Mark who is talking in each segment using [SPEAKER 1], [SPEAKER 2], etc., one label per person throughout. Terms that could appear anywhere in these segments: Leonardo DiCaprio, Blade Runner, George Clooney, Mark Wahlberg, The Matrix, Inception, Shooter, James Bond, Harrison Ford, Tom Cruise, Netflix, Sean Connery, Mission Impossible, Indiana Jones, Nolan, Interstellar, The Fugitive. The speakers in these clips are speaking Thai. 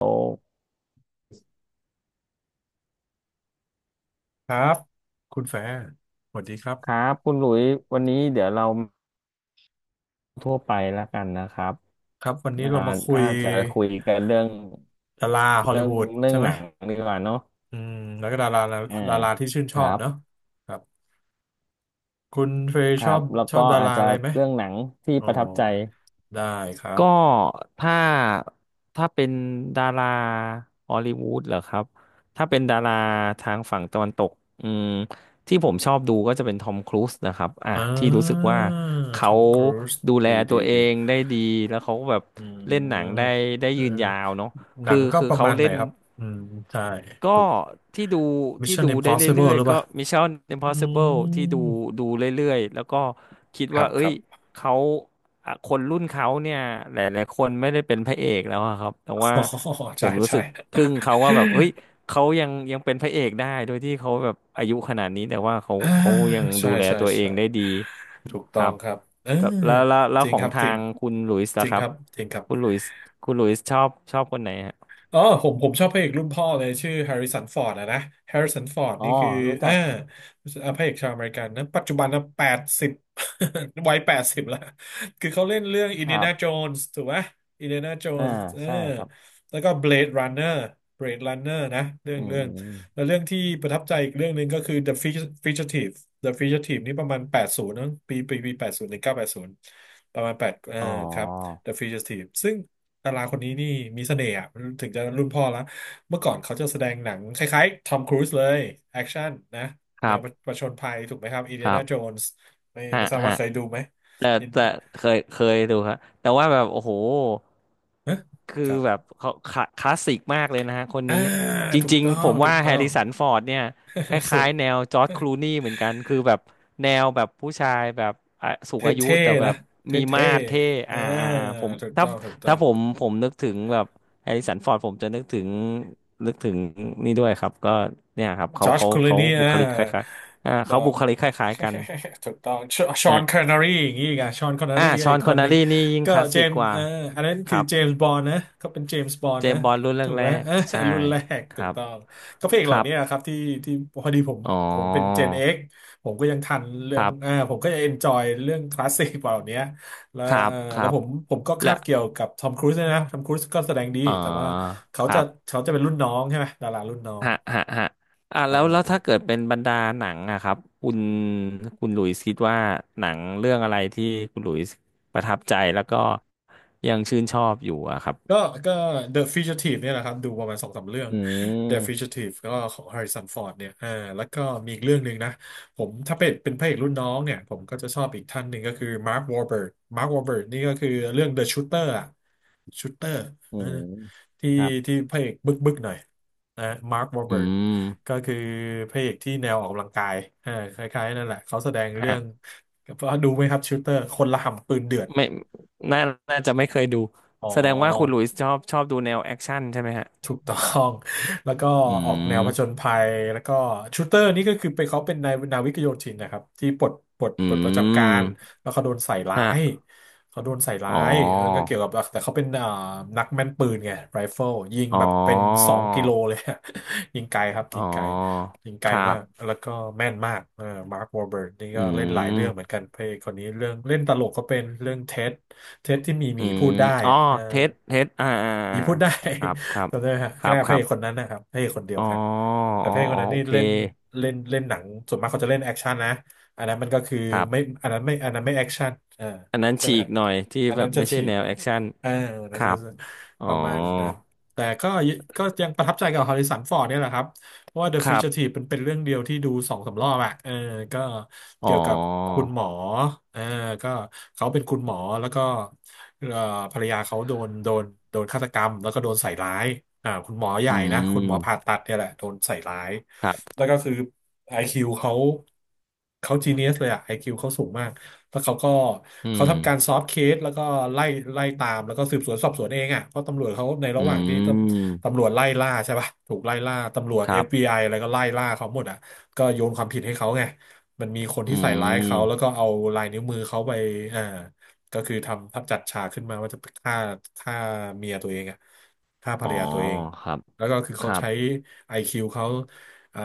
[SPEAKER 1] โอ
[SPEAKER 2] ครับคุณแฟร์สวัสดีครั
[SPEAKER 1] ครั
[SPEAKER 2] บ
[SPEAKER 1] บคุณหลุยส์วันนี้เดี๋ยวเราทั่วไปแล้วกันนะครับ
[SPEAKER 2] ครับวันนี้
[SPEAKER 1] อ่า
[SPEAKER 2] เรามาคุ
[SPEAKER 1] อา
[SPEAKER 2] ย
[SPEAKER 1] จจะคุยกันเรื่อง
[SPEAKER 2] ดาราฮอล
[SPEAKER 1] เรื่
[SPEAKER 2] ลี
[SPEAKER 1] อง
[SPEAKER 2] วูด
[SPEAKER 1] เรื่อ
[SPEAKER 2] ใช่
[SPEAKER 1] ง
[SPEAKER 2] ไหม
[SPEAKER 1] หนังดีกว่าเนาะ
[SPEAKER 2] อืมแล้วก็ดารา
[SPEAKER 1] อ่า
[SPEAKER 2] ดาราที่ชื่น
[SPEAKER 1] ค
[SPEAKER 2] ชอ
[SPEAKER 1] รั
[SPEAKER 2] บ
[SPEAKER 1] บ
[SPEAKER 2] เนอะครับคุณเฟย์
[SPEAKER 1] ค
[SPEAKER 2] ช
[SPEAKER 1] รั
[SPEAKER 2] อ
[SPEAKER 1] บ
[SPEAKER 2] บ
[SPEAKER 1] แล้ว
[SPEAKER 2] ชอ
[SPEAKER 1] ก็
[SPEAKER 2] บดา
[SPEAKER 1] อา
[SPEAKER 2] รา
[SPEAKER 1] จจะ
[SPEAKER 2] อะไรไหม
[SPEAKER 1] เรื่องหนังที่
[SPEAKER 2] อ๋อ
[SPEAKER 1] ประทับใจ
[SPEAKER 2] ได้ครับ
[SPEAKER 1] ก็ถ้าถ้าเป็นดาราฮอลลีวูดเหรอครับถ้าเป็นดาราทางฝั่งตะวันตกอืมที่ผมชอบดูก็จะเป็นทอมครูซนะครับอ่ะ
[SPEAKER 2] อ่
[SPEAKER 1] ที่รู้สึก
[SPEAKER 2] า
[SPEAKER 1] ว่า
[SPEAKER 2] ท
[SPEAKER 1] เขา
[SPEAKER 2] อมครูซ
[SPEAKER 1] ดูแล
[SPEAKER 2] ดีดี
[SPEAKER 1] ตัวเอ
[SPEAKER 2] ดี
[SPEAKER 1] งได้ดีแล้วเขาก็แบบ
[SPEAKER 2] อื
[SPEAKER 1] เล่นหนังได้
[SPEAKER 2] มเอ
[SPEAKER 1] ยืน
[SPEAKER 2] อ
[SPEAKER 1] ยาวเนาะ
[SPEAKER 2] หนั
[SPEAKER 1] คือ
[SPEAKER 2] งก็
[SPEAKER 1] คือ
[SPEAKER 2] ประ
[SPEAKER 1] เขา
[SPEAKER 2] มาณไห
[SPEAKER 1] เล่
[SPEAKER 2] น
[SPEAKER 1] น
[SPEAKER 2] ครับอืมใช่
[SPEAKER 1] ก็
[SPEAKER 2] ถูก
[SPEAKER 1] ที่ดูที่
[SPEAKER 2] Mission
[SPEAKER 1] ดูได้เรื่
[SPEAKER 2] Impossible
[SPEAKER 1] อย
[SPEAKER 2] หรือ
[SPEAKER 1] ๆ
[SPEAKER 2] เป
[SPEAKER 1] ก็
[SPEAKER 2] ล่า
[SPEAKER 1] Mission
[SPEAKER 2] อื
[SPEAKER 1] Impossible ที่ดู
[SPEAKER 2] ม
[SPEAKER 1] เรื่อยๆแล้วก็คิด
[SPEAKER 2] ครั
[SPEAKER 1] ว่า
[SPEAKER 2] บ
[SPEAKER 1] เอ้
[SPEAKER 2] ครั
[SPEAKER 1] ย
[SPEAKER 2] บ
[SPEAKER 1] เขาอ่ะคนรุ่นเขาเนี่ยหลายๆคนไม่ได้เป็นพระเอกแล้วอะครับแต่ว่า
[SPEAKER 2] อ๋อ
[SPEAKER 1] ผ
[SPEAKER 2] ใช่
[SPEAKER 1] มรู้
[SPEAKER 2] ใช่
[SPEAKER 1] สึกทึ่งเขาว่าแบบเฮ้ยเขายังเป็นพระเอกได้โดยที่เขาแบบอายุขนาดนี้แต่ว่า
[SPEAKER 2] อ่า
[SPEAKER 1] เขายัง
[SPEAKER 2] ใช่
[SPEAKER 1] ดูแล
[SPEAKER 2] ใช่
[SPEAKER 1] ตัวเอ
[SPEAKER 2] ใช่
[SPEAKER 1] งได้ดี
[SPEAKER 2] ถูก
[SPEAKER 1] ค
[SPEAKER 2] ต้อ
[SPEAKER 1] รั
[SPEAKER 2] ง
[SPEAKER 1] บ
[SPEAKER 2] ครับเออ
[SPEAKER 1] ก็แล้
[SPEAKER 2] จ
[SPEAKER 1] ว
[SPEAKER 2] ริง
[SPEAKER 1] ขอ
[SPEAKER 2] ค
[SPEAKER 1] ง
[SPEAKER 2] รับ
[SPEAKER 1] ทา
[SPEAKER 2] จริง
[SPEAKER 1] งคุณหลุยส์
[SPEAKER 2] จ
[SPEAKER 1] ล่ะ
[SPEAKER 2] ริง
[SPEAKER 1] ค
[SPEAKER 2] ค
[SPEAKER 1] รับ
[SPEAKER 2] รับจริงครับ
[SPEAKER 1] คุณหลุยส์คุณหลุยส์ชอบคนไหนฮะ
[SPEAKER 2] อ๋อผมชอบพระเอกรุ่นพ่อเลยชื่อแฮร์ริสันฟอร์ดอะนะแฮร์ริสันฟอร์ด
[SPEAKER 1] อ๋อ
[SPEAKER 2] นี่คือ
[SPEAKER 1] รู้
[SPEAKER 2] เอ
[SPEAKER 1] จั
[SPEAKER 2] อ
[SPEAKER 1] ก
[SPEAKER 2] พระเอกชาวอเมริกันนะปัจจุบันนะแปดสิบ วัยแปดสิบละคือเขาเล่นเรื่องอิ
[SPEAKER 1] ค
[SPEAKER 2] นเดีย
[SPEAKER 1] รั
[SPEAKER 2] นา
[SPEAKER 1] บ
[SPEAKER 2] โจนส์ถูกไหมอินเดียนาโจ
[SPEAKER 1] อ่า
[SPEAKER 2] นส์เออ
[SPEAKER 1] ใช่ครับ
[SPEAKER 2] แล้วก็เบลดรันเนอร์เบลดรันเนอร์นะเรื่อง
[SPEAKER 1] อื
[SPEAKER 2] เรื่อง
[SPEAKER 1] ม
[SPEAKER 2] แล้วเรื่องที่ประทับใจอีกเรื่องหนึ่งก็คือ The Fugitive The Fugitive นี่ประมาณ80ปี80 1980ประมาณแปดเออ
[SPEAKER 1] อ๋
[SPEAKER 2] ครับ
[SPEAKER 1] อ
[SPEAKER 2] The Fugitive ซึ่ง ดาราคนนี้นี่มีเสน่ห์อะถึงจะรุ่นพ่อแล้วเมื่อก่อนเขาจะแสดงหนังคล้ายๆทอมครูซเลยแอคชั่นนะ
[SPEAKER 1] ค
[SPEAKER 2] แน
[SPEAKER 1] รั
[SPEAKER 2] ว
[SPEAKER 1] บ
[SPEAKER 2] ประชนภัยถูกไหมครับอินเดี
[SPEAKER 1] ค
[SPEAKER 2] ย
[SPEAKER 1] รั
[SPEAKER 2] นาโจ
[SPEAKER 1] บ
[SPEAKER 2] นส์ไม่
[SPEAKER 1] ฮะ
[SPEAKER 2] ไม่ทราบ
[SPEAKER 1] ฮะ
[SPEAKER 2] ว่าเคยดูไหม
[SPEAKER 1] แต่
[SPEAKER 2] อิน
[SPEAKER 1] แต่เคยดูครับแต่ว่าแบบโอ้โห
[SPEAKER 2] ฮะ
[SPEAKER 1] คื
[SPEAKER 2] ค
[SPEAKER 1] อ
[SPEAKER 2] รับ
[SPEAKER 1] แบบเขาคลาสสิกมากเลยนะฮะคน
[SPEAKER 2] อ่า
[SPEAKER 1] นี้จ
[SPEAKER 2] ถูก
[SPEAKER 1] ริง
[SPEAKER 2] ต้อ
[SPEAKER 1] ๆผ
[SPEAKER 2] ง
[SPEAKER 1] ม
[SPEAKER 2] ถู
[SPEAKER 1] ว่า
[SPEAKER 2] ก
[SPEAKER 1] แฮ
[SPEAKER 2] ต้อ
[SPEAKER 1] ร์
[SPEAKER 2] ง
[SPEAKER 1] ริสันฟอร์ดเนี่ยค
[SPEAKER 2] สุ
[SPEAKER 1] ล้า
[SPEAKER 2] ด
[SPEAKER 1] ยๆแนวจอร์จคลูนี่เหมือนกันคือแบบแนวแบบผู้ชายแบบอ่ะสู
[SPEAKER 2] เ
[SPEAKER 1] งอายุ
[SPEAKER 2] ท่
[SPEAKER 1] แต่
[SPEAKER 2] ๆ
[SPEAKER 1] แบ
[SPEAKER 2] นะ
[SPEAKER 1] บมี
[SPEAKER 2] เท่
[SPEAKER 1] มาสเท่
[SPEAKER 2] ๆอ่า
[SPEAKER 1] ผม
[SPEAKER 2] ถูกต้องถูกต้อ
[SPEAKER 1] ถ้า
[SPEAKER 2] ง
[SPEAKER 1] ผมนึกถึงแบบแฮร์ริสันฟอร์ดผมจะนึกถึงนึกถึงนี่ด้วยครับก็เนี่ยครับ
[SPEAKER 2] จอชคลู
[SPEAKER 1] เขา
[SPEAKER 2] นี่
[SPEAKER 1] บุ
[SPEAKER 2] อ่า
[SPEAKER 1] คลิกคล้ายๆ
[SPEAKER 2] ถูกต้
[SPEAKER 1] เขา
[SPEAKER 2] อง
[SPEAKER 1] บุคลิกคล้ายๆกัน
[SPEAKER 2] ถูกต้องชอนคอนเนอรี่อย่างนี้อีกอะชอนคอนเนอ
[SPEAKER 1] อ่า
[SPEAKER 2] รี่
[SPEAKER 1] ชอ
[SPEAKER 2] อี
[SPEAKER 1] น
[SPEAKER 2] ก
[SPEAKER 1] ค
[SPEAKER 2] ค
[SPEAKER 1] อน
[SPEAKER 2] น
[SPEAKER 1] เน
[SPEAKER 2] ห
[SPEAKER 1] อ
[SPEAKER 2] นึ่ง
[SPEAKER 1] รี่นี่ยิ่ง
[SPEAKER 2] ก็
[SPEAKER 1] คลาส
[SPEAKER 2] เจ
[SPEAKER 1] สิก
[SPEAKER 2] มส์
[SPEAKER 1] กว่า
[SPEAKER 2] เอออันนั้น
[SPEAKER 1] ค
[SPEAKER 2] คือ
[SPEAKER 1] รับ
[SPEAKER 2] เจมส์บอนด์นะเขาเป็นเจมส์บอน
[SPEAKER 1] เจ
[SPEAKER 2] ด์นะ
[SPEAKER 1] มส์บอนด์รุ่นแ
[SPEAKER 2] ถูก
[SPEAKER 1] ร
[SPEAKER 2] ไหม
[SPEAKER 1] ก
[SPEAKER 2] เออ
[SPEAKER 1] ๆใช่
[SPEAKER 2] รุ่นแรก
[SPEAKER 1] ค
[SPEAKER 2] ถู
[SPEAKER 1] รั
[SPEAKER 2] ก
[SPEAKER 1] บ
[SPEAKER 2] ต้องก็เพลง
[SPEAKER 1] ค
[SPEAKER 2] เหล่า
[SPEAKER 1] รั
[SPEAKER 2] นี้
[SPEAKER 1] บ
[SPEAKER 2] ครับที่ที่พอดีผม
[SPEAKER 1] อ๋อ
[SPEAKER 2] ผมเป็นเจนเอ็กผมก็ยังทันเรื่
[SPEAKER 1] ค
[SPEAKER 2] อง
[SPEAKER 1] รั
[SPEAKER 2] อ่า
[SPEAKER 1] บ
[SPEAKER 2] ผมก็จะเอนจอยเรื่องคลาสสิกเหล่านี้แล้ว
[SPEAKER 1] ครั
[SPEAKER 2] เอ
[SPEAKER 1] บ
[SPEAKER 2] อ
[SPEAKER 1] ครั
[SPEAKER 2] แล้ว
[SPEAKER 1] บ
[SPEAKER 2] ผมก็
[SPEAKER 1] และ
[SPEAKER 2] คาบเกี่ยวกับทอมครูซด้วยนะทอมครูซก็แสดงดี
[SPEAKER 1] อ๋อ
[SPEAKER 2] แต่ว่า
[SPEAKER 1] ค
[SPEAKER 2] เขา
[SPEAKER 1] รั
[SPEAKER 2] จะ
[SPEAKER 1] บ
[SPEAKER 2] เขาจะเป็นรุ่นน้องใช่ไหมดารารุ่นน้อง
[SPEAKER 1] ฮะฮะฮะอ่ะ
[SPEAKER 2] ป
[SPEAKER 1] แล้
[SPEAKER 2] ระ
[SPEAKER 1] ว
[SPEAKER 2] มา
[SPEAKER 1] แล้
[SPEAKER 2] ณ
[SPEAKER 1] วถ้าเกิดเป็นบรรดาหนังอะครับคุณหลุยส์คิดว่าหนังเรื่องอะไรที่คุณหลุยส์ประทับใจแล้วก็ยังชื่นชอบอยู่อะครับ
[SPEAKER 2] ก็ก็ The Fugitive เนี่ยแหละครับดูประมาณสองสามเรื่อง
[SPEAKER 1] อื
[SPEAKER 2] The
[SPEAKER 1] ม
[SPEAKER 2] Fugitive ก็ของ Harrison Ford เนี่ยอ่าแล้วก็มีอีกเรื่องหนึ่งนะผมถ้าเป็นพระเอกรุ่นน้องเนี่ยผมก็จะชอบอีกท่านหนึ่งก็คือ Mark Wahlberg Mark Wahlberg นี่ก็คือเรื่อง The Shooter อะ Shooter
[SPEAKER 1] อื
[SPEAKER 2] เออ
[SPEAKER 1] ม
[SPEAKER 2] ที่
[SPEAKER 1] ครับ
[SPEAKER 2] ที่พระเอกบึกบึกหน่อยนะ Mark
[SPEAKER 1] อื
[SPEAKER 2] Wahlberg ก็
[SPEAKER 1] ม
[SPEAKER 2] คือพระเอกที่แนวออกกำลังกายอ่าคล้ายๆนั่นแหละเขาแสดงเรื่อ
[SPEAKER 1] ฮะ
[SPEAKER 2] งดูไหมครับ Shooter คนระห่ำปืนเดือด
[SPEAKER 1] ไม่น่าน่าจะไม่เคยดู
[SPEAKER 2] อ๋อ
[SPEAKER 1] แสดงว่าคุณหลุยส์ชอบดูแนวแอคชั่นใช่ไหมฮะ
[SPEAKER 2] ถูกต้อง แล้วก็
[SPEAKER 1] อื
[SPEAKER 2] ออกแนวผจญ
[SPEAKER 1] ม
[SPEAKER 2] ภัยแล้วก็ชูเตอร์นี่ก็คือไปเขาเป็นนายนาวิกโยธินนะครับที่ปลดปลด
[SPEAKER 1] อื
[SPEAKER 2] ปลดประจำการ
[SPEAKER 1] ม
[SPEAKER 2] แล้วเขาโดนใส่ร้า
[SPEAKER 1] ฮะ
[SPEAKER 2] ยเขาโดนใส่
[SPEAKER 1] อ๋
[SPEAKER 2] ร้า
[SPEAKER 1] อ
[SPEAKER 2] ยเออก็เกี่ยวกับแต่เขาเป็นนักแม่นปืนไงไรเฟิลยิง
[SPEAKER 1] อ๋อ
[SPEAKER 2] แบบเป็น2 กิโลเลย ยิงไกลครับ
[SPEAKER 1] อ๋อ
[SPEAKER 2] ยิงไกลยิงไก
[SPEAKER 1] ค
[SPEAKER 2] ล
[SPEAKER 1] รั
[SPEAKER 2] มาก
[SPEAKER 1] บ
[SPEAKER 2] แล้วก็แม่นมากเออมาร์ควอร์เบิร์นี่
[SPEAKER 1] อื
[SPEAKER 2] ก็เล่นหลายเรื่องเหมือน
[SPEAKER 1] ม
[SPEAKER 2] กันเพลงคนนี้เรื่องเล่นตลกก็เป็นเรื่องเท็ดเท็ดที่มีห
[SPEAKER 1] อื
[SPEAKER 2] มีพู
[SPEAKER 1] ม
[SPEAKER 2] ดได้
[SPEAKER 1] อ๋อ
[SPEAKER 2] อะเออ
[SPEAKER 1] เทสเทส
[SPEAKER 2] นี่พูดได้
[SPEAKER 1] ครับครับ
[SPEAKER 2] จำได้ฮะ
[SPEAKER 1] ค
[SPEAKER 2] แค่
[SPEAKER 1] รับ
[SPEAKER 2] พ
[SPEAKER 1] ค
[SPEAKER 2] ระ
[SPEAKER 1] รั
[SPEAKER 2] เอกคน
[SPEAKER 1] บ
[SPEAKER 2] นั้นนะครับพระเอกคนเดีย
[SPEAKER 1] อ๋
[SPEAKER 2] ว
[SPEAKER 1] อ
[SPEAKER 2] กันแต่
[SPEAKER 1] อ๋
[SPEAKER 2] พ
[SPEAKER 1] อ
[SPEAKER 2] ระเอกค
[SPEAKER 1] อ๋
[SPEAKER 2] น
[SPEAKER 1] อ
[SPEAKER 2] นั้น
[SPEAKER 1] โอ
[SPEAKER 2] นี่
[SPEAKER 1] เค
[SPEAKER 2] เล่นเล่นเล่นหนังส่วนมากเขาจะเล่นแอคชั่นนะอันนั้นมันก็คือ
[SPEAKER 1] ครั
[SPEAKER 2] ไม่
[SPEAKER 1] บ
[SPEAKER 2] อันนั้นไม่อันนั้นไม่แอคชั่นอ่า
[SPEAKER 1] อันนั้น
[SPEAKER 2] ใช่ไห
[SPEAKER 1] ฉี
[SPEAKER 2] มค
[SPEAKER 1] ก
[SPEAKER 2] รับ
[SPEAKER 1] หน่อยที่
[SPEAKER 2] อัน
[SPEAKER 1] แบ
[SPEAKER 2] นั้
[SPEAKER 1] บ
[SPEAKER 2] นจะ
[SPEAKER 1] ไม่ใช่
[SPEAKER 2] ฉี
[SPEAKER 1] แน
[SPEAKER 2] ก
[SPEAKER 1] ว
[SPEAKER 2] เล
[SPEAKER 1] แอ
[SPEAKER 2] ย
[SPEAKER 1] คชั่น
[SPEAKER 2] เอออัน
[SPEAKER 1] ค
[SPEAKER 2] นั้น
[SPEAKER 1] รั
[SPEAKER 2] จะ
[SPEAKER 1] บอ๋อ
[SPEAKER 2] ประมาณนั้นแต่ก็ก็ยังประทับใจกับฮอริสันฟอร์ดเนี่ยแหละครับ เพราะว่า The
[SPEAKER 1] ครับ
[SPEAKER 2] Fugitive มันเป็นเรื่องเดียวที่ดูสองสามรอบอ่ะเออก็
[SPEAKER 1] อ๋อ
[SPEAKER 2] เกี่ยวกับคุณหมอเออก็เขาเป็นคุณหมอแล้วก็เอ่อภรรยาเขาโดนโดนฆาตกรรมแล้วก็โดนใส่ร้ายอ่าคุณหมอใหญ่
[SPEAKER 1] อื
[SPEAKER 2] นะคุณหมอผ่า
[SPEAKER 1] ม
[SPEAKER 2] ตัดเนี่ยแหละโดนใส่ร้าย
[SPEAKER 1] ครับ
[SPEAKER 2] แล้วก็คือ IQ เขาเขาจีเนียสเลยอ่ะ IQ เขาสูงมาก แล้วเขาก็
[SPEAKER 1] อื
[SPEAKER 2] เขา
[SPEAKER 1] ม
[SPEAKER 2] ทำการซอฟต์เคสแล้วก็ไล่ไล่ตามแล้วก็สืบสวนสอบสวนเองอ่ะเพราะตำรวจเขาใน
[SPEAKER 1] อื
[SPEAKER 2] ระหว่างที่
[SPEAKER 1] ม
[SPEAKER 2] ตำรวจไล่ล่าใช่ป่ะถูกไล่ล่าตำรวจ
[SPEAKER 1] ค
[SPEAKER 2] เอ
[SPEAKER 1] รั
[SPEAKER 2] ฟบี
[SPEAKER 1] บ
[SPEAKER 2] ไออะไรก็ไล่ล่าเขาหมดอ่ะก็โยนความผิดให้เขาไงมันมีคน
[SPEAKER 1] อื
[SPEAKER 2] ที่ใส่ร้ายเขาแล้วก็
[SPEAKER 1] ม
[SPEAKER 2] เอาลายนิ้วมือเขาไปอ่าก็คือทำทับจัดฉากขึ้นมาว่าจะฆ่าฆ่าเมียตัวเองอะฆ่าภร
[SPEAKER 1] อ๋อ
[SPEAKER 2] รยาตัวเอง
[SPEAKER 1] ครับ
[SPEAKER 2] แล้วก็คือ
[SPEAKER 1] ค
[SPEAKER 2] เขา
[SPEAKER 1] รับ
[SPEAKER 2] ใช้ไอคิวเขาอ่า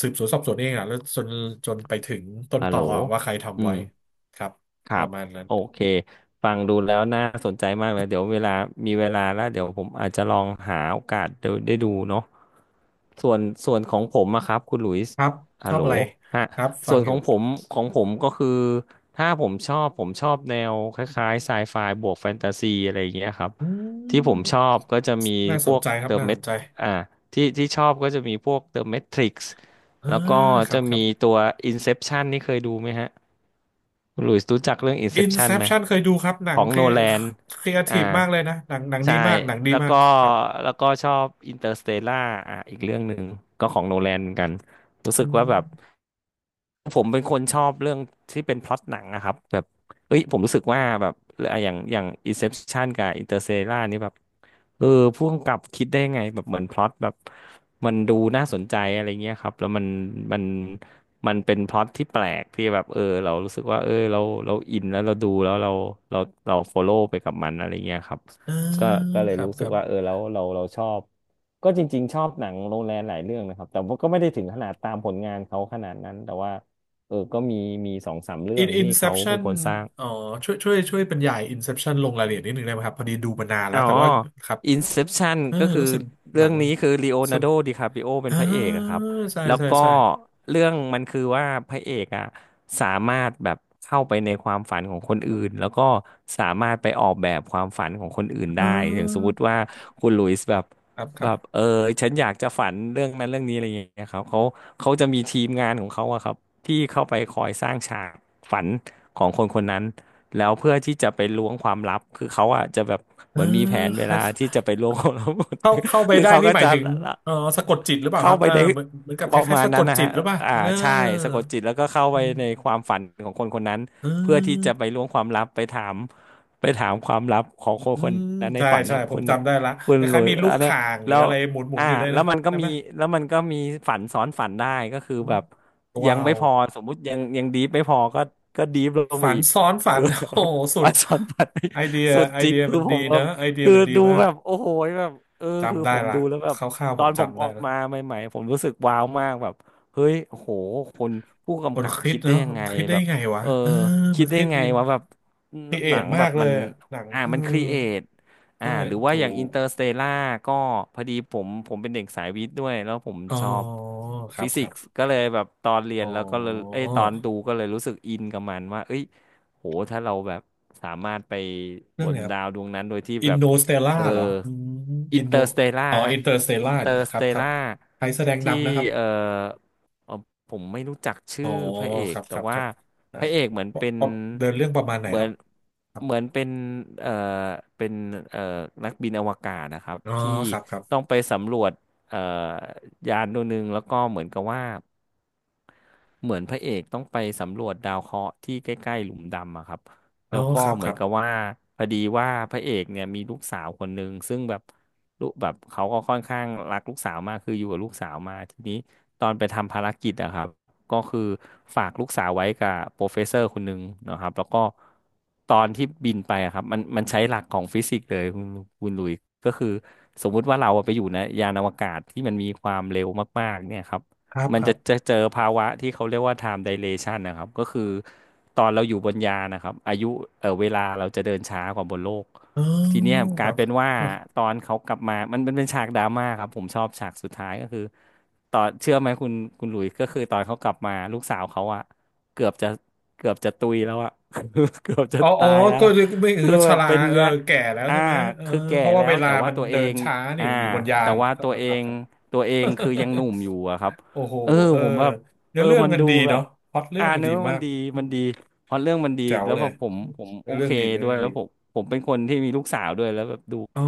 [SPEAKER 2] สืบสวนสอบสวนเองอะแล้วจนไปถึงต้น
[SPEAKER 1] ฮัล
[SPEAKER 2] ต
[SPEAKER 1] โหล
[SPEAKER 2] ออะว่าใคร
[SPEAKER 1] อื
[SPEAKER 2] ทำไว้
[SPEAKER 1] ม
[SPEAKER 2] ครับ
[SPEAKER 1] ค
[SPEAKER 2] ป
[SPEAKER 1] รั
[SPEAKER 2] ระ
[SPEAKER 1] บ
[SPEAKER 2] มาณนั้น
[SPEAKER 1] โอเคฟังดูแล้วน่าสนใจมากเลยเดี๋ยวเวลามีเวลาแล้วเดี๋ยวผมอาจจะลองหาโอกาสได้ดูเนาะส่วนส่วนของผมอะครับคุณหลุยส์
[SPEAKER 2] ครับช
[SPEAKER 1] ฮัล
[SPEAKER 2] อบ
[SPEAKER 1] โหล
[SPEAKER 2] อะไร
[SPEAKER 1] ฮะ
[SPEAKER 2] ครับฟั
[SPEAKER 1] ส่
[SPEAKER 2] ง
[SPEAKER 1] วน
[SPEAKER 2] อ
[SPEAKER 1] ข
[SPEAKER 2] ยู่
[SPEAKER 1] องผมก็คือถ้าผมชอบผมชอบแนวคล้ายๆไซไฟบวกแฟนตาซีอะไรอย่างเงี้ยครับ
[SPEAKER 2] อื
[SPEAKER 1] ที่ผมชอ
[SPEAKER 2] ม
[SPEAKER 1] บก็จะมี
[SPEAKER 2] น่า
[SPEAKER 1] พ
[SPEAKER 2] สน
[SPEAKER 1] วก
[SPEAKER 2] ใจครั
[SPEAKER 1] เด
[SPEAKER 2] บ
[SPEAKER 1] อะ
[SPEAKER 2] น่า
[SPEAKER 1] เม
[SPEAKER 2] สน
[SPEAKER 1] ท
[SPEAKER 2] ใจ
[SPEAKER 1] อ่าที่ชอบก็จะมีพวกเดอะเมทริกซ์
[SPEAKER 2] อ่า
[SPEAKER 1] แล้วก็
[SPEAKER 2] ครั
[SPEAKER 1] จะ
[SPEAKER 2] บครั
[SPEAKER 1] มี
[SPEAKER 2] บ
[SPEAKER 1] ตัว Inception นี่เคยดูไหมฮะ คุณหลุยส์รู้จักเรื่อง Inception ไหม
[SPEAKER 2] Inception เคยดูครับหนั
[SPEAKER 1] ข
[SPEAKER 2] ง
[SPEAKER 1] อง
[SPEAKER 2] ครี
[SPEAKER 1] โนแลน
[SPEAKER 2] ครีเอที
[SPEAKER 1] อ่า
[SPEAKER 2] ฟมากเลยนะหนังดี
[SPEAKER 1] ใช่
[SPEAKER 2] มากหนังดี
[SPEAKER 1] แล้ว
[SPEAKER 2] มาก
[SPEAKER 1] ก็
[SPEAKER 2] ครับ
[SPEAKER 1] ชอบ Interstellar อีกเรื่องหนึ่งก็ของโนแลนเหมือนกันรู้สึ
[SPEAKER 2] อื
[SPEAKER 1] กว่าแบบ
[SPEAKER 2] ม
[SPEAKER 1] ผมเป็นคนชอบเรื่องที่เป็นพล็อตหนังนะครับแบบเอ้ยผมรู้สึกว่าแบบอะอย่าง Inception กับ Interstellar นี่แบบเออผู้กำกับคิดได้ไงแบบเหมือนพล็อตแบบมันดูน่าสนใจอะไรเงี้ยครับแล้วมันมันเป็นพล็อตที่แปลกที่แบบเออเรารู้สึกว่าเออเราอินแล้วเราดูแล้วเราเราฟอลโล่ไปกับมันอะไรเงี้ยครับ
[SPEAKER 2] อ่า
[SPEAKER 1] ก็ก็เล
[SPEAKER 2] ค
[SPEAKER 1] ย
[SPEAKER 2] รับ
[SPEAKER 1] รู้
[SPEAKER 2] ค
[SPEAKER 1] สึก
[SPEAKER 2] รับ
[SPEAKER 1] ว่าเออแล้วเราชอบก็จริงๆชอบหนังโนแลนหลายเรื่องนะครับแต่ว่าก็ไม่ได้ถึงขนาดตามผลงานเขาขนาดนั้นแต่ว่า เออก็มีสองสามเรื่อ งที่เขาเป็น
[SPEAKER 2] Inception
[SPEAKER 1] คนสร้าง
[SPEAKER 2] อ๋อช่วยบรรยาย Inception ลงรายละเอียดนิดนึงได้ไหมครับพอดีดูมานานแล้
[SPEAKER 1] อ๋
[SPEAKER 2] ว
[SPEAKER 1] อ
[SPEAKER 2] แต่ว่าครับ
[SPEAKER 1] Inception
[SPEAKER 2] เออ
[SPEAKER 1] ก็คือ
[SPEAKER 2] รู้สึกห
[SPEAKER 1] เรื่
[SPEAKER 2] นั
[SPEAKER 1] อง
[SPEAKER 2] ง
[SPEAKER 1] นี้คือลีโอ
[SPEAKER 2] ส
[SPEAKER 1] นา
[SPEAKER 2] น
[SPEAKER 1] ร์โดดิคาปริโอเป็
[SPEAKER 2] อ่า
[SPEAKER 1] นพระเอกอะครับ
[SPEAKER 2] ใช่
[SPEAKER 1] แล้ว
[SPEAKER 2] ใช่
[SPEAKER 1] ก็
[SPEAKER 2] ใช่
[SPEAKER 1] เรื่องมันคือว่าพระเอกอะสามารถแบบเข้าไปในความฝันของคนอื่นแล้วก็สามารถไปออกแบบความฝันของคนอื่น
[SPEAKER 2] อ่
[SPEAKER 1] ได้อย่างสมม
[SPEAKER 2] า
[SPEAKER 1] ติว่าคุณหลุยส์แบบ
[SPEAKER 2] ครับครับ
[SPEAKER 1] เออฉันอยากจะฝันเรื่องนั้นเรื่องนี้อะไรอย่างเงี้ยครับเขาจะมีทีมงานของเขาอะครับที่เข้าไปคอยสร้างฉากฝันของคนคนนั้น แล้วเพื่อที่จะไปล้วงความลับคือเขาอ่ะจะแบบ
[SPEAKER 2] เอ
[SPEAKER 1] เห
[SPEAKER 2] อ
[SPEAKER 1] มือนมีแผนเว
[SPEAKER 2] คล้า
[SPEAKER 1] ลาที่จะ
[SPEAKER 2] ย
[SPEAKER 1] ไปล้วงความลับหมด
[SPEAKER 2] เข้าไป
[SPEAKER 1] คือ
[SPEAKER 2] ได้
[SPEAKER 1] เขา
[SPEAKER 2] นี่
[SPEAKER 1] ก็
[SPEAKER 2] หมาย
[SPEAKER 1] จะ
[SPEAKER 2] ถึงเออสะกดจิตหรือเปล่าค
[SPEAKER 1] เข้า
[SPEAKER 2] รับ
[SPEAKER 1] ไป
[SPEAKER 2] เ
[SPEAKER 1] ใน
[SPEAKER 2] เหมือนกับ
[SPEAKER 1] ป
[SPEAKER 2] ค
[SPEAKER 1] ระ
[SPEAKER 2] ล้าย
[SPEAKER 1] มา
[SPEAKER 2] ๆ
[SPEAKER 1] ณ
[SPEAKER 2] สะก
[SPEAKER 1] นั้น
[SPEAKER 2] ด
[SPEAKER 1] นะ
[SPEAKER 2] จิต
[SPEAKER 1] ฮะ
[SPEAKER 2] หรือเปล่า
[SPEAKER 1] อ่า
[SPEAKER 2] เออ
[SPEAKER 1] ใช่สะกดจิตแล้วก็เข้า
[SPEAKER 2] อื
[SPEAKER 1] ไปในค
[SPEAKER 2] ม
[SPEAKER 1] วามฝันของคนคนนั้น
[SPEAKER 2] อื
[SPEAKER 1] เพื่อที่จะไป
[SPEAKER 2] ม
[SPEAKER 1] ล้วงความลับไปถามความลับของคน
[SPEAKER 2] อื
[SPEAKER 1] คน
[SPEAKER 2] ม
[SPEAKER 1] นั้นใน
[SPEAKER 2] ใช่
[SPEAKER 1] ฝัน
[SPEAKER 2] ใช่
[SPEAKER 1] นะ
[SPEAKER 2] ผ
[SPEAKER 1] คุ
[SPEAKER 2] ม
[SPEAKER 1] ณ
[SPEAKER 2] จำได้ละ
[SPEAKER 1] คุ
[SPEAKER 2] ค
[SPEAKER 1] ณหลุ
[SPEAKER 2] ล้ายๆ
[SPEAKER 1] ย
[SPEAKER 2] มีลูก
[SPEAKER 1] อันเนี้ย
[SPEAKER 2] ข่างหรื
[SPEAKER 1] แล้
[SPEAKER 2] อ
[SPEAKER 1] ว
[SPEAKER 2] อะไรหมุน
[SPEAKER 1] อ่า
[SPEAKER 2] อยู่ได้วย
[SPEAKER 1] แล้
[SPEAKER 2] นะ
[SPEAKER 1] วมันก็
[SPEAKER 2] ใช่ไห
[SPEAKER 1] มี
[SPEAKER 2] ม
[SPEAKER 1] แล้วมันก็มีฝันซ้อนฝันได้ก็คือ
[SPEAKER 2] อืม
[SPEAKER 1] แบบยัง
[SPEAKER 2] ว้า
[SPEAKER 1] ไม่
[SPEAKER 2] ว
[SPEAKER 1] พอสมมุติยังดีฟไม่พอก็ก็ดีฟลงไป
[SPEAKER 2] ฝัน
[SPEAKER 1] อีก
[SPEAKER 2] ซ้อนฝั
[SPEAKER 1] คือ
[SPEAKER 2] น
[SPEAKER 1] แบบ
[SPEAKER 2] โอ้โหสุด
[SPEAKER 1] วันสอนวันนี่
[SPEAKER 2] ไอเดีย
[SPEAKER 1] สุดจริงคือ
[SPEAKER 2] มัน
[SPEAKER 1] ผ
[SPEAKER 2] ดี
[SPEAKER 1] มแบ
[SPEAKER 2] นะ
[SPEAKER 1] บ
[SPEAKER 2] ไอเดีย
[SPEAKER 1] คือ
[SPEAKER 2] มันดี
[SPEAKER 1] ดู
[SPEAKER 2] มาก
[SPEAKER 1] แบบโอ้โหแบบเออคือ
[SPEAKER 2] จำได้
[SPEAKER 1] ผม
[SPEAKER 2] ละ
[SPEAKER 1] ดูแล้วแบ
[SPEAKER 2] ค
[SPEAKER 1] บ
[SPEAKER 2] ร่าว
[SPEAKER 1] ต
[SPEAKER 2] ๆผ
[SPEAKER 1] อ
[SPEAKER 2] ม
[SPEAKER 1] นผม
[SPEAKER 2] จำ
[SPEAKER 1] อ
[SPEAKER 2] ได้
[SPEAKER 1] อกมา
[SPEAKER 2] ละ
[SPEAKER 1] ใหม่ๆผมรู้สึกว้าวมากแบบเฮ้ยโอ้โหคนผู้
[SPEAKER 2] มั
[SPEAKER 1] กำ
[SPEAKER 2] น
[SPEAKER 1] กับ
[SPEAKER 2] คิด
[SPEAKER 1] คิดได้
[SPEAKER 2] เนาะ
[SPEAKER 1] ยังไง
[SPEAKER 2] มันคิดได้
[SPEAKER 1] แบบ
[SPEAKER 2] ไงวะ
[SPEAKER 1] เออ
[SPEAKER 2] เออ
[SPEAKER 1] คิ
[SPEAKER 2] มั
[SPEAKER 1] ด
[SPEAKER 2] น
[SPEAKER 1] ได้
[SPEAKER 2] คิด
[SPEAKER 1] ไง
[SPEAKER 2] ดี
[SPEAKER 1] ว่าแบบ
[SPEAKER 2] ครีเอ
[SPEAKER 1] หนั
[SPEAKER 2] ท
[SPEAKER 1] ง
[SPEAKER 2] มา
[SPEAKER 1] แบบ
[SPEAKER 2] กเล
[SPEAKER 1] มั
[SPEAKER 2] ย
[SPEAKER 1] น
[SPEAKER 2] อะหนังเออ
[SPEAKER 1] มันครีเอท
[SPEAKER 2] ใช่
[SPEAKER 1] หรือว่า
[SPEAKER 2] ถู
[SPEAKER 1] อย่างอิน
[SPEAKER 2] ก
[SPEAKER 1] เตอร์สเตล่าก็พอดีผมเป็นเด็กสายวิทย์ด้วยแล้วผม
[SPEAKER 2] อ๋อ
[SPEAKER 1] ชอบ
[SPEAKER 2] ครั
[SPEAKER 1] ฟิ
[SPEAKER 2] บค
[SPEAKER 1] สิ
[SPEAKER 2] รั
[SPEAKER 1] ก
[SPEAKER 2] บ
[SPEAKER 1] ส์ก็เลยแบบตอนเรีย
[SPEAKER 2] อ๋
[SPEAKER 1] นแล้วก็เลย
[SPEAKER 2] อ
[SPEAKER 1] เอ้ยตอนดูก็เลยรู้สึกอินกับมันว่าเอ้ย โห ถ้าเราแบบสามารถไป
[SPEAKER 2] เรื่
[SPEAKER 1] บ
[SPEAKER 2] องอะ
[SPEAKER 1] น
[SPEAKER 2] ไรครับ
[SPEAKER 1] ดาวดวงนั้นโดยที่
[SPEAKER 2] อิ
[SPEAKER 1] แบ
[SPEAKER 2] น
[SPEAKER 1] บ
[SPEAKER 2] โดสเตล่า
[SPEAKER 1] เออ
[SPEAKER 2] เหรออืม
[SPEAKER 1] อิ
[SPEAKER 2] อิ
[SPEAKER 1] น
[SPEAKER 2] น
[SPEAKER 1] เต
[SPEAKER 2] โด
[SPEAKER 1] อร์สเตล่า
[SPEAKER 2] อ๋อ
[SPEAKER 1] ฮะ
[SPEAKER 2] อินเตอร์สเต
[SPEAKER 1] อิน
[SPEAKER 2] ล่า
[SPEAKER 1] เตอร์
[SPEAKER 2] ค
[SPEAKER 1] ส
[SPEAKER 2] รั
[SPEAKER 1] เต
[SPEAKER 2] บครับ
[SPEAKER 1] ล่า
[SPEAKER 2] ใครแสดง
[SPEAKER 1] ที่
[SPEAKER 2] นำนะครับ
[SPEAKER 1] เออเอ่อผมไม่รู้จักชื่
[SPEAKER 2] อ๋
[SPEAKER 1] อ
[SPEAKER 2] อ
[SPEAKER 1] พระเอ
[SPEAKER 2] ค
[SPEAKER 1] ก
[SPEAKER 2] รับค
[SPEAKER 1] แต่
[SPEAKER 2] รับค
[SPEAKER 1] ว่า
[SPEAKER 2] รับ
[SPEAKER 1] พระเอก
[SPEAKER 2] ได้
[SPEAKER 1] เหมือนเป็น
[SPEAKER 2] เพราะเดินเรื่องประมาณไหน
[SPEAKER 1] เหมื
[SPEAKER 2] ค
[SPEAKER 1] อ
[SPEAKER 2] รับ
[SPEAKER 1] น
[SPEAKER 2] ครับ
[SPEAKER 1] เป็นเออเป็นเออนักบินอวกาศนะครับ
[SPEAKER 2] อ๋อ
[SPEAKER 1] ที่
[SPEAKER 2] ครับครั
[SPEAKER 1] ต้อง
[SPEAKER 2] บ
[SPEAKER 1] ไปสำรวจเออยานดวงหนึ่งแล้วก็เหมือนกับว่า เหมือนพระเอกต้องไปสำรวจดาวเคราะห์ที่ใกล้ๆหลุมดำอะครับ
[SPEAKER 2] อ๋
[SPEAKER 1] แล้
[SPEAKER 2] อ
[SPEAKER 1] วก็
[SPEAKER 2] ครับ
[SPEAKER 1] เห
[SPEAKER 2] ค
[SPEAKER 1] มือ
[SPEAKER 2] รั
[SPEAKER 1] น
[SPEAKER 2] บ
[SPEAKER 1] กับว่าพอดีว่าพระเอกเนี่ยมีลูกสาวคนหนึ่งซึ่งแบบลูกแบบเขาก็ค่อนข้างรักลูกสาวมากคืออยู่กับลูกสาวมาทีนี้ตอนไปทำภารกิจอะครับก็คือฝากลูกสาวไว้กับโปรเฟสเซอร์คนหนึ่งนะครับแล้วก็ตอนที่บินไปอะครับมันใช้หลักของฟิสิกส์เลยคุณคุณหลุยก็คือสมมุติว่าเราอะไปอยู่ในยานอวกาศที่มันมีความเร็วมากๆเนี่ยครับ
[SPEAKER 2] ครับ
[SPEAKER 1] มัน
[SPEAKER 2] ครับ
[SPEAKER 1] จะเจอภาวะที่เขาเรียกว่า time dilation นะครับก็คือตอนเราอยู่บนยานนะครับอายุเออเวลาเราจะเดินช้ากว่าบนโลก
[SPEAKER 2] อ๋อ
[SPEAKER 1] ทีเนี้ยก
[SPEAKER 2] ค
[SPEAKER 1] ลา
[SPEAKER 2] รั
[SPEAKER 1] ย
[SPEAKER 2] บ
[SPEAKER 1] เป็นว่า ตอนเขากลับมามันเป็นฉากดราม่าครับผมชอบฉากสุดท้ายก็คือตอนเชื่อไหมคุณคุณหลุยส์ก็คือตอนเขากลับมาลูกสาวเขาอะเกือบจะเกือบจะตุยแล้วอะ เกือบจะ
[SPEAKER 2] อ๋อ อ๋อ
[SPEAKER 1] ตายแล้ว
[SPEAKER 2] ก็
[SPEAKER 1] อะ
[SPEAKER 2] ไม่
[SPEAKER 1] คือ
[SPEAKER 2] ก็ช
[SPEAKER 1] แบบ
[SPEAKER 2] รา
[SPEAKER 1] เป็น
[SPEAKER 2] เออ
[SPEAKER 1] เนี้ย
[SPEAKER 2] แก่แล้ว
[SPEAKER 1] อ่า
[SPEAKER 2] ใช่ไหมเออ
[SPEAKER 1] คือแก่
[SPEAKER 2] เพราะว่า
[SPEAKER 1] แล้
[SPEAKER 2] เว
[SPEAKER 1] ว
[SPEAKER 2] ลา
[SPEAKER 1] แต่ว่า
[SPEAKER 2] มัน
[SPEAKER 1] ตัวเอ
[SPEAKER 2] เดิน
[SPEAKER 1] ง
[SPEAKER 2] ช้านี่
[SPEAKER 1] อ่า
[SPEAKER 2] อยู่บนยา
[SPEAKER 1] แต่
[SPEAKER 2] น
[SPEAKER 1] ว่า
[SPEAKER 2] ครับ
[SPEAKER 1] ตัวเอ
[SPEAKER 2] ค
[SPEAKER 1] ง
[SPEAKER 2] รับ
[SPEAKER 1] คือยังหนุ่มอยู่อะครับ
[SPEAKER 2] โอ้โห
[SPEAKER 1] เออ
[SPEAKER 2] เออ
[SPEAKER 1] ผมแบบ
[SPEAKER 2] เนื้
[SPEAKER 1] เอ
[SPEAKER 2] อ
[SPEAKER 1] อ
[SPEAKER 2] เรื่อง
[SPEAKER 1] มัน
[SPEAKER 2] กัน
[SPEAKER 1] ดู
[SPEAKER 2] ดี
[SPEAKER 1] แบ
[SPEAKER 2] เนาะ
[SPEAKER 1] บ
[SPEAKER 2] พล็อตเรื่องกัน
[SPEAKER 1] เนื้
[SPEAKER 2] ดี
[SPEAKER 1] อ
[SPEAKER 2] มา
[SPEAKER 1] มัน
[SPEAKER 2] ก
[SPEAKER 1] ดี
[SPEAKER 2] อื
[SPEAKER 1] มั
[SPEAKER 2] ม
[SPEAKER 1] นดีพอเรื่องมันดี
[SPEAKER 2] แจ๋ว
[SPEAKER 1] แล้ว
[SPEAKER 2] เล
[SPEAKER 1] แบ
[SPEAKER 2] ย
[SPEAKER 1] บผมโอ
[SPEAKER 2] เนื้อเรื่
[SPEAKER 1] เค
[SPEAKER 2] องดีเนื้อ
[SPEAKER 1] ด้ว
[SPEAKER 2] เรื่
[SPEAKER 1] ย
[SPEAKER 2] อง
[SPEAKER 1] แล้
[SPEAKER 2] ดี
[SPEAKER 1] วผมเป็นคนที่มีลูกสาวด้วยแล้วแบบดู
[SPEAKER 2] อ๋อ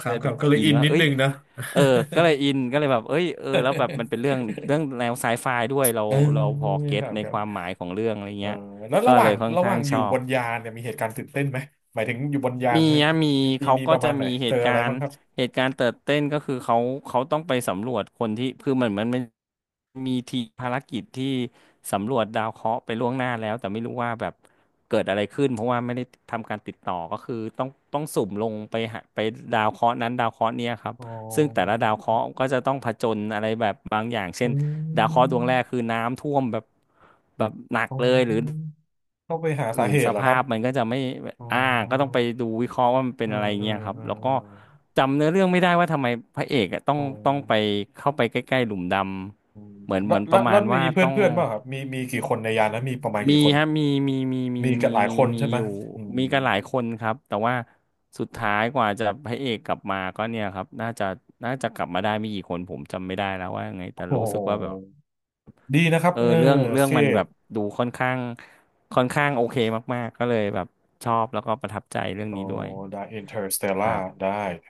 [SPEAKER 2] ครั
[SPEAKER 1] เล
[SPEAKER 2] บ
[SPEAKER 1] ย
[SPEAKER 2] ค
[SPEAKER 1] แบ
[SPEAKER 2] รับ
[SPEAKER 1] บ
[SPEAKER 2] ก็เลย
[SPEAKER 1] อิน
[SPEAKER 2] อิน
[SPEAKER 1] ว่า
[SPEAKER 2] นิด
[SPEAKER 1] เอ้ย
[SPEAKER 2] นึงนะ
[SPEAKER 1] เออก็เลยอินก็เลยแบบเอ้ยเออแล้วแบบมันเป็นเรื่องเรื่องแนวไซไฟด้วยเรา
[SPEAKER 2] เออ
[SPEAKER 1] พอเก็
[SPEAKER 2] ค
[SPEAKER 1] ต
[SPEAKER 2] รับ
[SPEAKER 1] ใน
[SPEAKER 2] ครั
[SPEAKER 1] ค
[SPEAKER 2] บ
[SPEAKER 1] วามหมายของเรื่องอะไร
[SPEAKER 2] เออ
[SPEAKER 1] เงี้ย
[SPEAKER 2] แล้ว
[SPEAKER 1] ก็เลยค่อน
[SPEAKER 2] ระห
[SPEAKER 1] ข้า
[SPEAKER 2] ว่า
[SPEAKER 1] ง
[SPEAKER 2] งอ
[SPEAKER 1] ช
[SPEAKER 2] ยู่
[SPEAKER 1] อ
[SPEAKER 2] บ
[SPEAKER 1] บ
[SPEAKER 2] นยานเนี่ยมีเหตุการณ์ตื่นเต้นไหมหมายถึงอยู่บนยาน
[SPEAKER 1] มี
[SPEAKER 2] นะ
[SPEAKER 1] ฮะมี
[SPEAKER 2] มี
[SPEAKER 1] เขา
[SPEAKER 2] มี
[SPEAKER 1] ก็
[SPEAKER 2] ประ
[SPEAKER 1] จะ
[SPEAKER 2] มาณไหน
[SPEAKER 1] มีเห
[SPEAKER 2] เจอ
[SPEAKER 1] ตุ
[SPEAKER 2] อะ
[SPEAKER 1] กา
[SPEAKER 2] ไร
[SPEAKER 1] ร
[SPEAKER 2] บ้าง
[SPEAKER 1] ณ์
[SPEAKER 2] ครับ
[SPEAKER 1] เติร์ดเต้นก็คือเขาต้องไปสำรวจคนที่คือเหมือนมันมีทีมภารกิจที่สำรวจดาวเคราะห์ไปล่วงหน้าแล้วแต่ไม่รู้ว่าแบบเกิดอะไรขึ้นเพราะว่าไม่ได้ทำการติดต่อก็คือต้องสุ่มลงไปหาไปดาวเคราะห์นั้นดาวเคราะห์เนี้ยครับ
[SPEAKER 2] อ๋อ
[SPEAKER 1] ซึ่งแต่ละดาวเคราะห์ก็จะต้องผจญอะไรแบบบางอย่างเช่
[SPEAKER 2] อื
[SPEAKER 1] นดาวเคราะห์ดวง
[SPEAKER 2] ม
[SPEAKER 1] แรกคือน้ำท่วมแบบแบบหนัก
[SPEAKER 2] อ๋
[SPEAKER 1] เลยหรือ
[SPEAKER 2] อต้องไปหา
[SPEAKER 1] อื่
[SPEAKER 2] สา
[SPEAKER 1] น
[SPEAKER 2] เห
[SPEAKER 1] ส
[SPEAKER 2] ตุเหรอค
[SPEAKER 1] ภา
[SPEAKER 2] รับ
[SPEAKER 1] พมันก็จะไม่
[SPEAKER 2] อ๋อ
[SPEAKER 1] อ่าก็ต้องไปดูวิเคราะห์ว่ามันเป็
[SPEAKER 2] เอ
[SPEAKER 1] น
[SPEAKER 2] อ
[SPEAKER 1] อะไร
[SPEAKER 2] เออ
[SPEAKER 1] เงี้ยครับ
[SPEAKER 2] เออ
[SPEAKER 1] แล้ว
[SPEAKER 2] เอ
[SPEAKER 1] ก็
[SPEAKER 2] อ
[SPEAKER 1] จำเนื้อเรื่องไม่ได้ว่าทำไมพระเอกอะต้อง
[SPEAKER 2] อ๋อ
[SPEAKER 1] ไปเข้าไปใกล้ๆหลุมด
[SPEAKER 2] อืม
[SPEAKER 1] ำเหมือนประมา
[SPEAKER 2] แล้ว
[SPEAKER 1] ณ
[SPEAKER 2] มี
[SPEAKER 1] ว่า
[SPEAKER 2] เพื่อ
[SPEAKER 1] ต้
[SPEAKER 2] น
[SPEAKER 1] อง
[SPEAKER 2] เพื่อนป่ะครับกี่คนในยานแล้วมีประมาณ
[SPEAKER 1] มี
[SPEAKER 2] กี่คน
[SPEAKER 1] ฮะ
[SPEAKER 2] มีกันหลายคน
[SPEAKER 1] มี
[SPEAKER 2] ใช่ไหม
[SPEAKER 1] อยู่
[SPEAKER 2] อืม
[SPEAKER 1] มีกันหลายคนครับแต่ว่าสุดท้ายกว่าจะพระเอกกลับมาก็เนี่ยครับน่าจะกลับมาได้ไม่กี่คนผมจำไม่ได้แล้วว่ายังไง
[SPEAKER 2] โอ้
[SPEAKER 1] แต่รู้สึ
[SPEAKER 2] โห
[SPEAKER 1] กว่าแบบ
[SPEAKER 2] ดีนะครับ
[SPEAKER 1] เออ
[SPEAKER 2] เออ
[SPEAKER 1] เรื่อง
[SPEAKER 2] เครี
[SPEAKER 1] มั
[SPEAKER 2] ย
[SPEAKER 1] นแบ
[SPEAKER 2] ด
[SPEAKER 1] บดูค่อนข้างโอเคมากๆก็เลยแบบชอบแล้วก็ประทับใจเรื่อง
[SPEAKER 2] โอ้
[SPEAKER 1] นี้ด้วย
[SPEAKER 2] ได้อินเตอร์สเตล
[SPEAKER 1] ครับ
[SPEAKER 2] ได้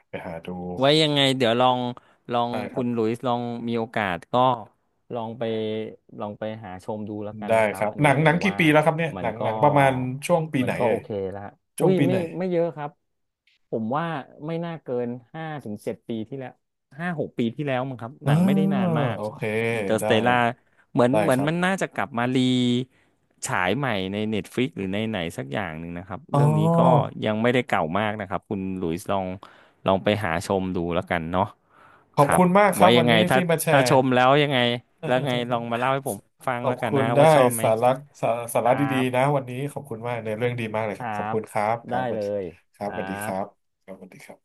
[SPEAKER 2] ไปหาดู
[SPEAKER 1] ไว้ยังไงเดี๋ยวลองลอง
[SPEAKER 2] ได้ค
[SPEAKER 1] คุ
[SPEAKER 2] รั
[SPEAKER 1] ณหลุ
[SPEAKER 2] บ
[SPEAKER 1] ยส์ลองมีโอกาสก็ลองไปหาชมดูแล้วกัน
[SPEAKER 2] ได้
[SPEAKER 1] นะค
[SPEAKER 2] ค
[SPEAKER 1] รับ
[SPEAKER 2] รับ
[SPEAKER 1] อันนี้ผ
[SPEAKER 2] หนั
[SPEAKER 1] ม
[SPEAKER 2] งกี่
[SPEAKER 1] ว่า
[SPEAKER 2] ปีแล้วครับเนี่ย
[SPEAKER 1] มัน
[SPEAKER 2] ห
[SPEAKER 1] ก็
[SPEAKER 2] นังประมาณช่วงปีไหนเอ่
[SPEAKER 1] โอ
[SPEAKER 2] ย
[SPEAKER 1] เคละ
[SPEAKER 2] ช่
[SPEAKER 1] อุ้
[SPEAKER 2] วง
[SPEAKER 1] ย
[SPEAKER 2] ปีไห
[SPEAKER 1] ไม่
[SPEAKER 2] น
[SPEAKER 1] เยอะครับผมว่าไม่น่าเกิน5 ถึง 7 ปีที่แล้ว5 6 ปีที่แล้วมั้งครับห
[SPEAKER 2] อ่า
[SPEAKER 1] นังไม่ได้นานมาก
[SPEAKER 2] โอเค
[SPEAKER 1] อินเตอร์ส
[SPEAKER 2] ได้
[SPEAKER 1] เตลล่า เหมือน
[SPEAKER 2] ได้ครับ
[SPEAKER 1] มันน่าจะกลับมารีฉายใหม่ใน Netflix หรือในไหนสักอย่างหนึ่งนะครับ
[SPEAKER 2] อ๋
[SPEAKER 1] เรื่องนี้ก็
[SPEAKER 2] อ
[SPEAKER 1] ยังไม่ได้เก่ามากนะครับคุณหลุยส์ลองไปหาชมดูแล้วกันเนาะ
[SPEAKER 2] ขอ
[SPEAKER 1] ค
[SPEAKER 2] บ
[SPEAKER 1] รับ
[SPEAKER 2] คุณมากครั
[SPEAKER 1] ไว้
[SPEAKER 2] บวั
[SPEAKER 1] ยั
[SPEAKER 2] น
[SPEAKER 1] งไง
[SPEAKER 2] นี้
[SPEAKER 1] ถ้า
[SPEAKER 2] ที่มาแชร์
[SPEAKER 1] ชมแล้วยังไงแล้วไงลองมาเล่าให้ผมฟัง
[SPEAKER 2] ขอ
[SPEAKER 1] แล้
[SPEAKER 2] บ
[SPEAKER 1] วกัน
[SPEAKER 2] คุ
[SPEAKER 1] นะ
[SPEAKER 2] ณได้
[SPEAKER 1] ว่าชอบไหม
[SPEAKER 2] สาระสาสา
[SPEAKER 1] ค
[SPEAKER 2] ระ
[SPEAKER 1] รั
[SPEAKER 2] ดี
[SPEAKER 1] บ
[SPEAKER 2] ๆนะวันนี้ขอบคุณมากในเรื่องดีมากเลย
[SPEAKER 1] ค
[SPEAKER 2] ครั
[SPEAKER 1] รั
[SPEAKER 2] บขอบ
[SPEAKER 1] บ
[SPEAKER 2] คุณครับค
[SPEAKER 1] ได้
[SPEAKER 2] รับสวั
[SPEAKER 1] เล
[SPEAKER 2] สดีครั
[SPEAKER 1] ย
[SPEAKER 2] บส
[SPEAKER 1] ครั
[SPEAKER 2] วัสดีครับ
[SPEAKER 1] บ
[SPEAKER 2] ครับสวัสดีครับ